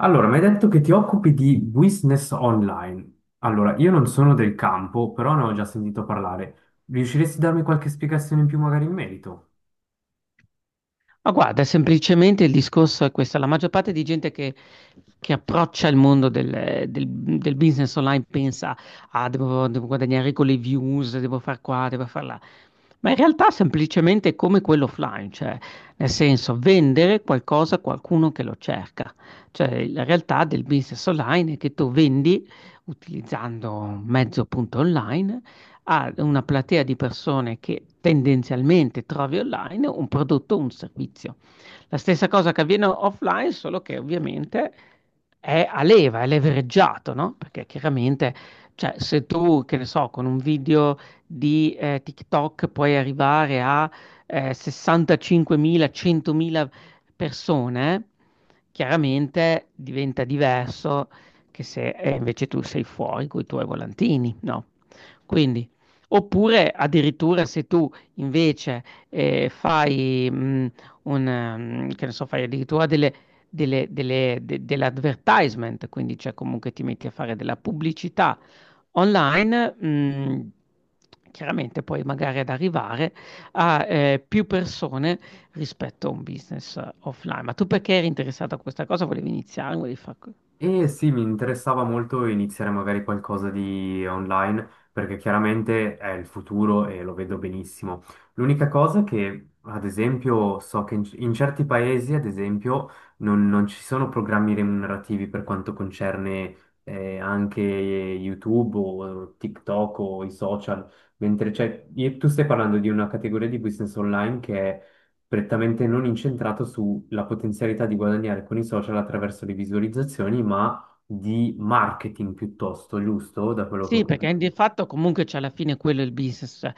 Allora, mi hai detto che ti occupi di business online. Allora, io non sono del campo, però ne ho già sentito parlare. Riusciresti a darmi qualche spiegazione in più magari in merito? Ma guarda, semplicemente il discorso è questo, la maggior parte di gente che approccia il mondo del business online pensa, ah, devo guadagnare con le views, devo far qua, devo far là, ma in realtà semplicemente è come quello offline, cioè nel senso vendere qualcosa a qualcuno che lo cerca, cioè la realtà del business online è che tu vendi utilizzando un mezzo appunto online a una platea di persone che tendenzialmente trovi online un prodotto o un servizio. La stessa cosa che avviene offline, solo che ovviamente è a leva, è levereggiato, no? Perché chiaramente, cioè, se tu, che ne so, con un video di TikTok puoi arrivare a 65.000, 100.000 persone, chiaramente diventa diverso che se invece tu sei fuori con i tuoi volantini, no? Quindi. Oppure addirittura se tu invece fai, che ne so, fai addirittura dell'advertisement, quindi cioè comunque ti metti a fare della pubblicità online, chiaramente poi magari ad arrivare a più persone rispetto a un business offline. Ma tu perché eri interessato a questa cosa? Volevi iniziare? Volevi fare. E sì, mi interessava molto iniziare magari qualcosa di online, perché chiaramente è il futuro e lo vedo benissimo. L'unica cosa che, ad esempio, so che in certi paesi, ad esempio, non ci sono programmi remunerativi per quanto concerne anche YouTube o TikTok o i social, mentre c'è, e tu stai parlando di una categoria di business online che è prettamente non incentrato sulla potenzialità di guadagnare con i social attraverso le visualizzazioni, ma di marketing piuttosto, giusto? Da quello che ho Sì, perché capito. di fatto comunque c'è alla fine quello è il business, cioè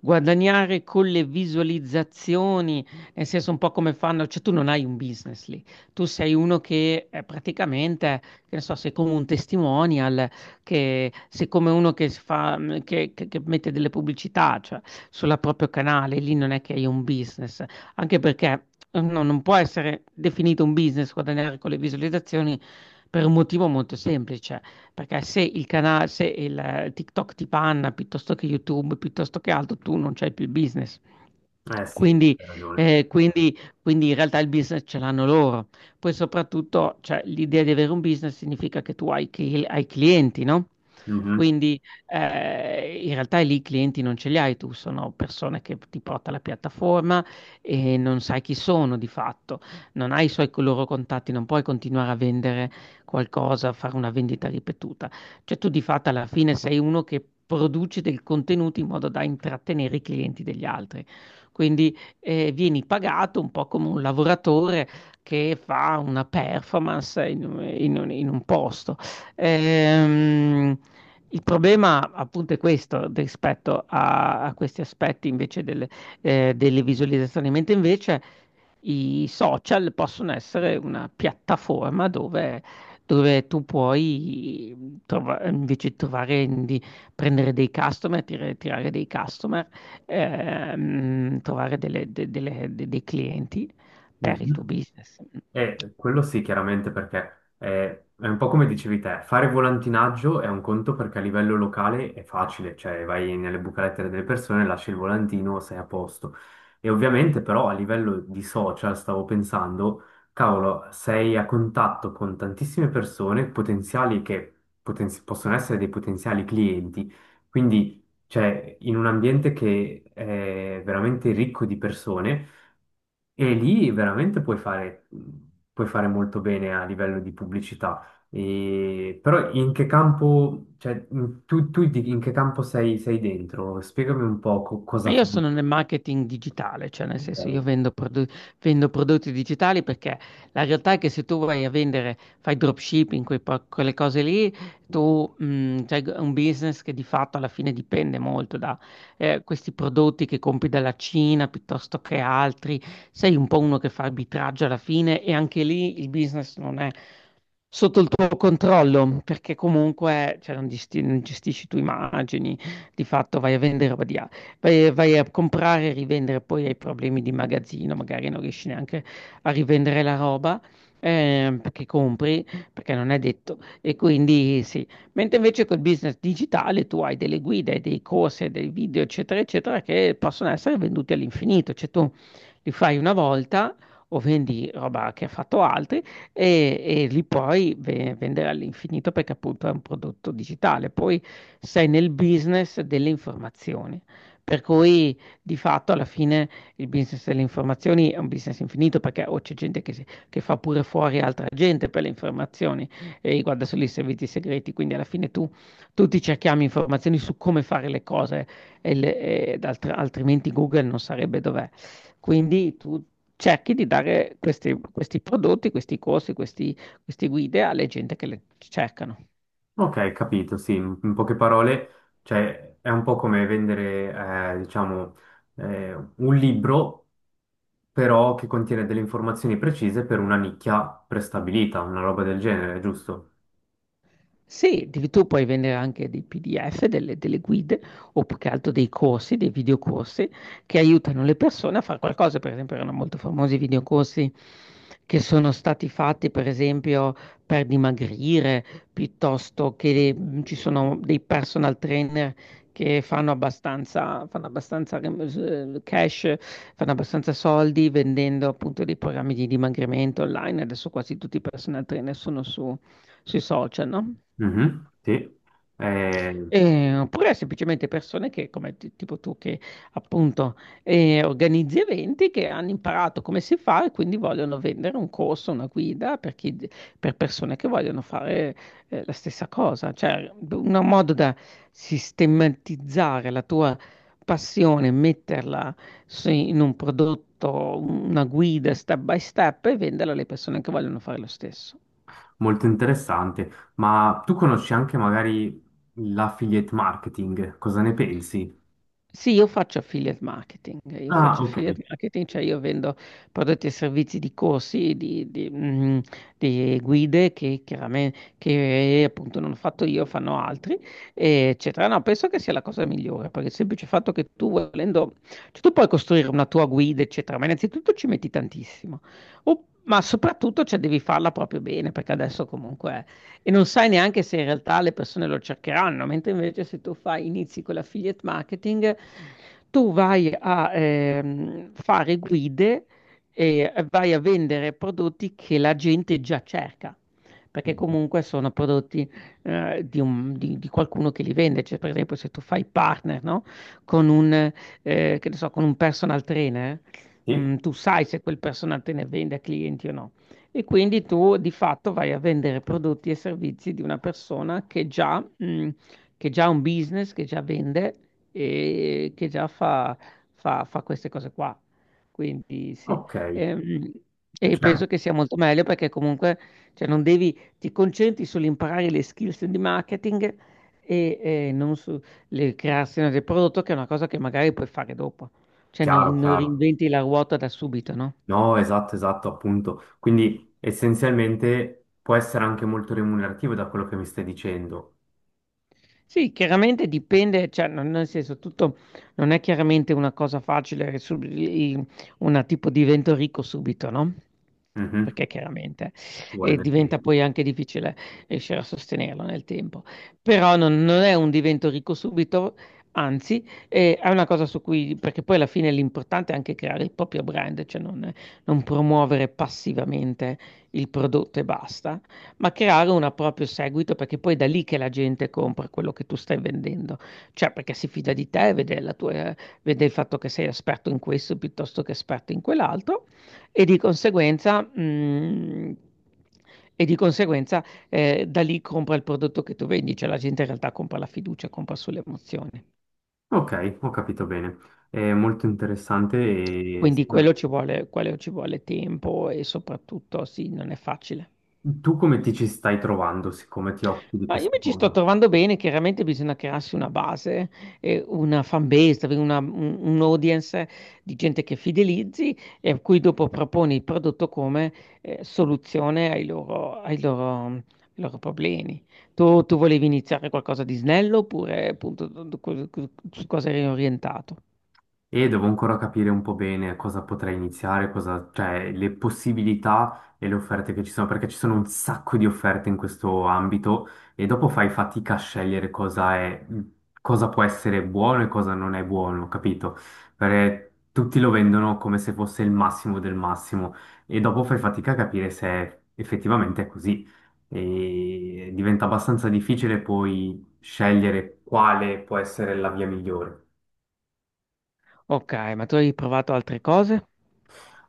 guadagnare con le visualizzazioni, nel senso un po' come fanno, cioè tu non hai un business lì, tu sei uno che praticamente, che ne so, sei come un testimonial, che sei come uno che, si fa, che mette delle pubblicità, cioè sul proprio canale, lì non è che hai un business, anche perché no, non può essere definito un business guadagnare con le visualizzazioni per un motivo molto semplice perché se il canale, se il TikTok ti panna piuttosto che YouTube, piuttosto che altro, tu non c'hai più il business. Eh sì, Quindi, hai ragione. quindi in realtà il business ce l'hanno loro. Poi soprattutto, cioè, l'idea di avere un business significa che tu hai clienti, no? Mhm, Quindi in realtà lì i clienti non ce li hai tu, sono persone che ti porta la piattaforma e non sai chi sono di fatto, non hai i loro contatti, non puoi continuare a vendere qualcosa, fare una vendita ripetuta. Cioè tu di fatto alla fine sei uno che produce del contenuto in modo da intrattenere i clienti degli altri. Quindi vieni pagato un po' come un lavoratore che fa una performance in un posto. Ehm, il problema appunto è questo rispetto a questi aspetti invece delle visualizzazioni, mentre invece i social possono essere una piattaforma dove tu puoi invece trovare di prendere dei customer, tirare dei customer, trovare dei clienti per il tuo mhm. business. Quello sì, chiaramente, perché è, un po' come dicevi te, fare volantinaggio è un conto perché a livello locale è facile, cioè vai nelle buche lettere delle persone, lasci il volantino, sei a posto. E ovviamente però a livello di social stavo pensando, cavolo, sei a contatto con tantissime persone potenziali che possono essere dei potenziali clienti, quindi cioè in un ambiente che è veramente ricco di persone. E lì veramente puoi fare molto bene a livello di pubblicità. E però in che campo, cioè, in che campo sei, sei dentro? Spiegami un po' Ma cosa io fai. sono nel marketing digitale, cioè nel Ok. senso io vendo prodotti digitali perché la realtà è che se tu vai a vendere, fai dropshipping, quelle cose lì, tu c'hai un business che di fatto alla fine dipende molto da questi prodotti che compri dalla Cina piuttosto che altri, sei un po' uno che fa arbitraggio alla fine e anche lì il business non è sotto il tuo controllo perché comunque cioè, non gestisci tu immagini, di fatto vai a vendere roba . Vai a comprare e rivendere, poi hai problemi di magazzino, magari non riesci neanche a rivendere la roba perché compri, perché non è detto. E quindi sì, mentre invece col business digitale tu hai delle guide, hai dei corsi, hai dei video, eccetera, eccetera, che possono essere venduti all'infinito, cioè tu li fai una volta. O vendi roba che ha fatto altri e li puoi vendere all'infinito perché appunto è un prodotto digitale. Poi sei nel business delle informazioni. Per cui di fatto alla fine il business delle informazioni è un business infinito perché o c'è gente che fa pure fuori altra gente per le informazioni e riguarda solo i servizi segreti, quindi alla fine tu tutti cerchiamo informazioni su come fare le cose altrimenti Google non sarebbe dov'è. Quindi tu cerchi di dare questi prodotti, questi corsi, questi, queste guide alle gente che le cercano. Ok, capito, sì, in poche parole, cioè, è un po' come vendere, diciamo, un libro, però che contiene delle informazioni precise per una nicchia prestabilita, una roba del genere, giusto? Sì, tu puoi vendere anche dei PDF, delle guide o più che altro dei corsi, dei videocorsi che aiutano le persone a fare qualcosa. Per esempio, erano molto famosi i videocorsi che sono stati fatti, per esempio, per dimagrire, piuttosto che ci sono dei personal trainer che fanno abbastanza cash, fanno abbastanza soldi vendendo appunto dei programmi di dimagrimento online. Adesso quasi tutti i personal trainer sono sui social, no? Mhm, sì. Eh. Oppure semplicemente persone che, come tipo tu, che appunto organizzi eventi che hanno imparato come si fa e quindi vogliono vendere un corso, una guida per persone che vogliono fare la stessa cosa. Cioè, un modo da sistematizzare la tua passione, metterla in un prodotto, una guida step by step e venderla alle persone che vogliono fare lo stesso. Molto interessante, ma tu conosci anche magari l'affiliate marketing, cosa ne pensi? Sì, io faccio affiliate marketing, io Ah, faccio ok. affiliate marketing, cioè io vendo prodotti e servizi di corsi, di guide che chiaramente che appunto non ho fatto io, fanno altri, eccetera. No, penso che sia la cosa migliore, perché il semplice fatto che tu volendo, cioè tu puoi costruire una tua guida, eccetera, ma innanzitutto ci metti tantissimo, ma soprattutto cioè, devi farla proprio bene, perché adesso comunque e non sai neanche se in realtà le persone lo cercheranno, mentre invece se tu fai, inizi con l'affiliate marketing, tu vai a fare guide e vai a vendere prodotti che la gente già cerca. Perché Mhm. comunque sono prodotti di qualcuno che li vende. Cioè, per esempio, se tu fai partner, no? Con un, che ne so, con un personal trainer, Sì? Tu sai se quel personal trainer vende a clienti o no. E quindi tu di fatto vai a vendere prodotti e servizi di una persona che già ha un business, che già vende e che già fa queste cose qua. Quindi sì. Ok, Ehm, E cioè, penso che sia molto meglio perché comunque cioè, non devi, ti concentri sull'imparare le skills di marketing e, non su le creazione del prodotto, che è una cosa che magari puoi fare dopo. Cioè chiaro, non chiaro. reinventi la ruota da subito, no? No, esatto, esatto, appunto. Quindi essenzialmente può essere anche molto remunerativo da quello che mi stai dicendo. Sì, chiaramente dipende, cioè nel senso tutto non è chiaramente una cosa facile, una tipo divento ricco subito, no? Mhm. Perché chiaramente, Vuole e del diventa quindi. poi anche difficile riuscire a sostenerlo nel tempo. Però non è un divento ricco subito, anzi, è una cosa su cui, perché poi alla fine l'importante è anche creare il proprio brand, cioè non promuovere passivamente il prodotto e basta. Ma creare un proprio seguito, perché poi è da lì che la gente compra quello che tu stai vendendo, cioè perché si fida di te, vede vede il fatto che sei esperto in questo piuttosto che esperto in quell'altro e di conseguenza, mm, e di conseguenza da lì compra il prodotto che tu vendi, cioè la gente in realtà compra la fiducia, compra sulle emozioni. Ok, ho capito bene. È molto interessante, e Quindi quello ci vuole tempo e soprattutto sì, non è facile. tu come ti ci stai trovando, siccome ti occupi di Ma io questa mi ci sto cosa? trovando bene, chiaramente bisogna crearsi una base, una fan base, avere un audience di gente che fidelizzi e a cui dopo proponi il prodotto come soluzione ai loro problemi. Tu volevi iniziare qualcosa di snello oppure appunto su cosa eri orientato? E devo ancora capire un po' bene cosa potrei iniziare, cosa, cioè le possibilità e le offerte che ci sono, perché ci sono un sacco di offerte in questo ambito e dopo fai fatica a scegliere cosa è, cosa può essere buono e cosa non è buono, capito? Perché tutti lo vendono come se fosse il massimo del massimo e dopo fai fatica a capire se effettivamente è così. E diventa abbastanza difficile poi scegliere quale può essere la via migliore. Ok, ma tu hai provato altre cose?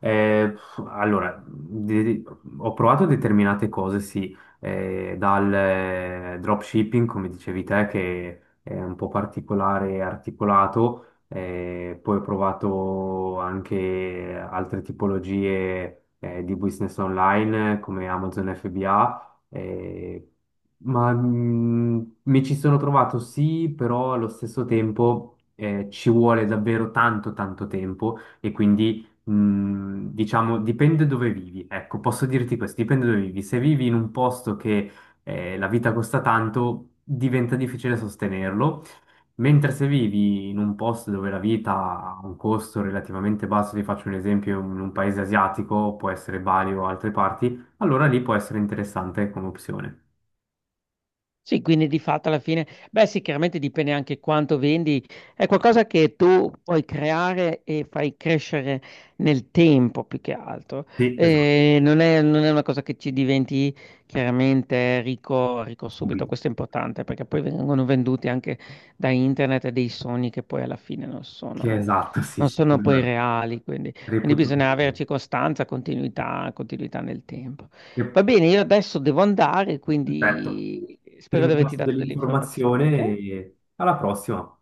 Eh, allora, ho provato determinate cose, sì, dal dropshipping, come dicevi te, che è un po' particolare e articolato, poi ho provato anche altre tipologie di business online, come Amazon FBA, ma mi ci sono trovato sì, però allo stesso tempo ci vuole davvero tanto tempo e quindi. Mm, diciamo, dipende dove vivi. Ecco, posso dirti questo, dipende dove vivi. Se vivi in un posto che la vita costa tanto, diventa difficile sostenerlo, mentre se vivi in un posto dove la vita ha un costo relativamente basso, ti faccio un esempio, in un paese asiatico, può essere Bali o altre parti, allora lì può essere interessante come opzione. Sì, quindi di fatto alla fine, beh sì, chiaramente dipende anche quanto vendi, è qualcosa che tu puoi creare e fai crescere nel tempo più che altro. Sì, esatto, Non è una cosa che ci diventi chiaramente ricco, ricco subito, subito. questo è importante perché poi vengono venduti anche da internet dei sogni che poi alla fine non Che sono, esatto, sì, non sì, sono quello poi è. reali, quindi, quindi Reputo. bisogna averci costanza, continuità, continuità nel tempo. Va bene, io adesso devo andare, Perfetto. quindi Ti spero di averti ringrazio dato delle informazioni, ok? dell'informazione e alla prossima.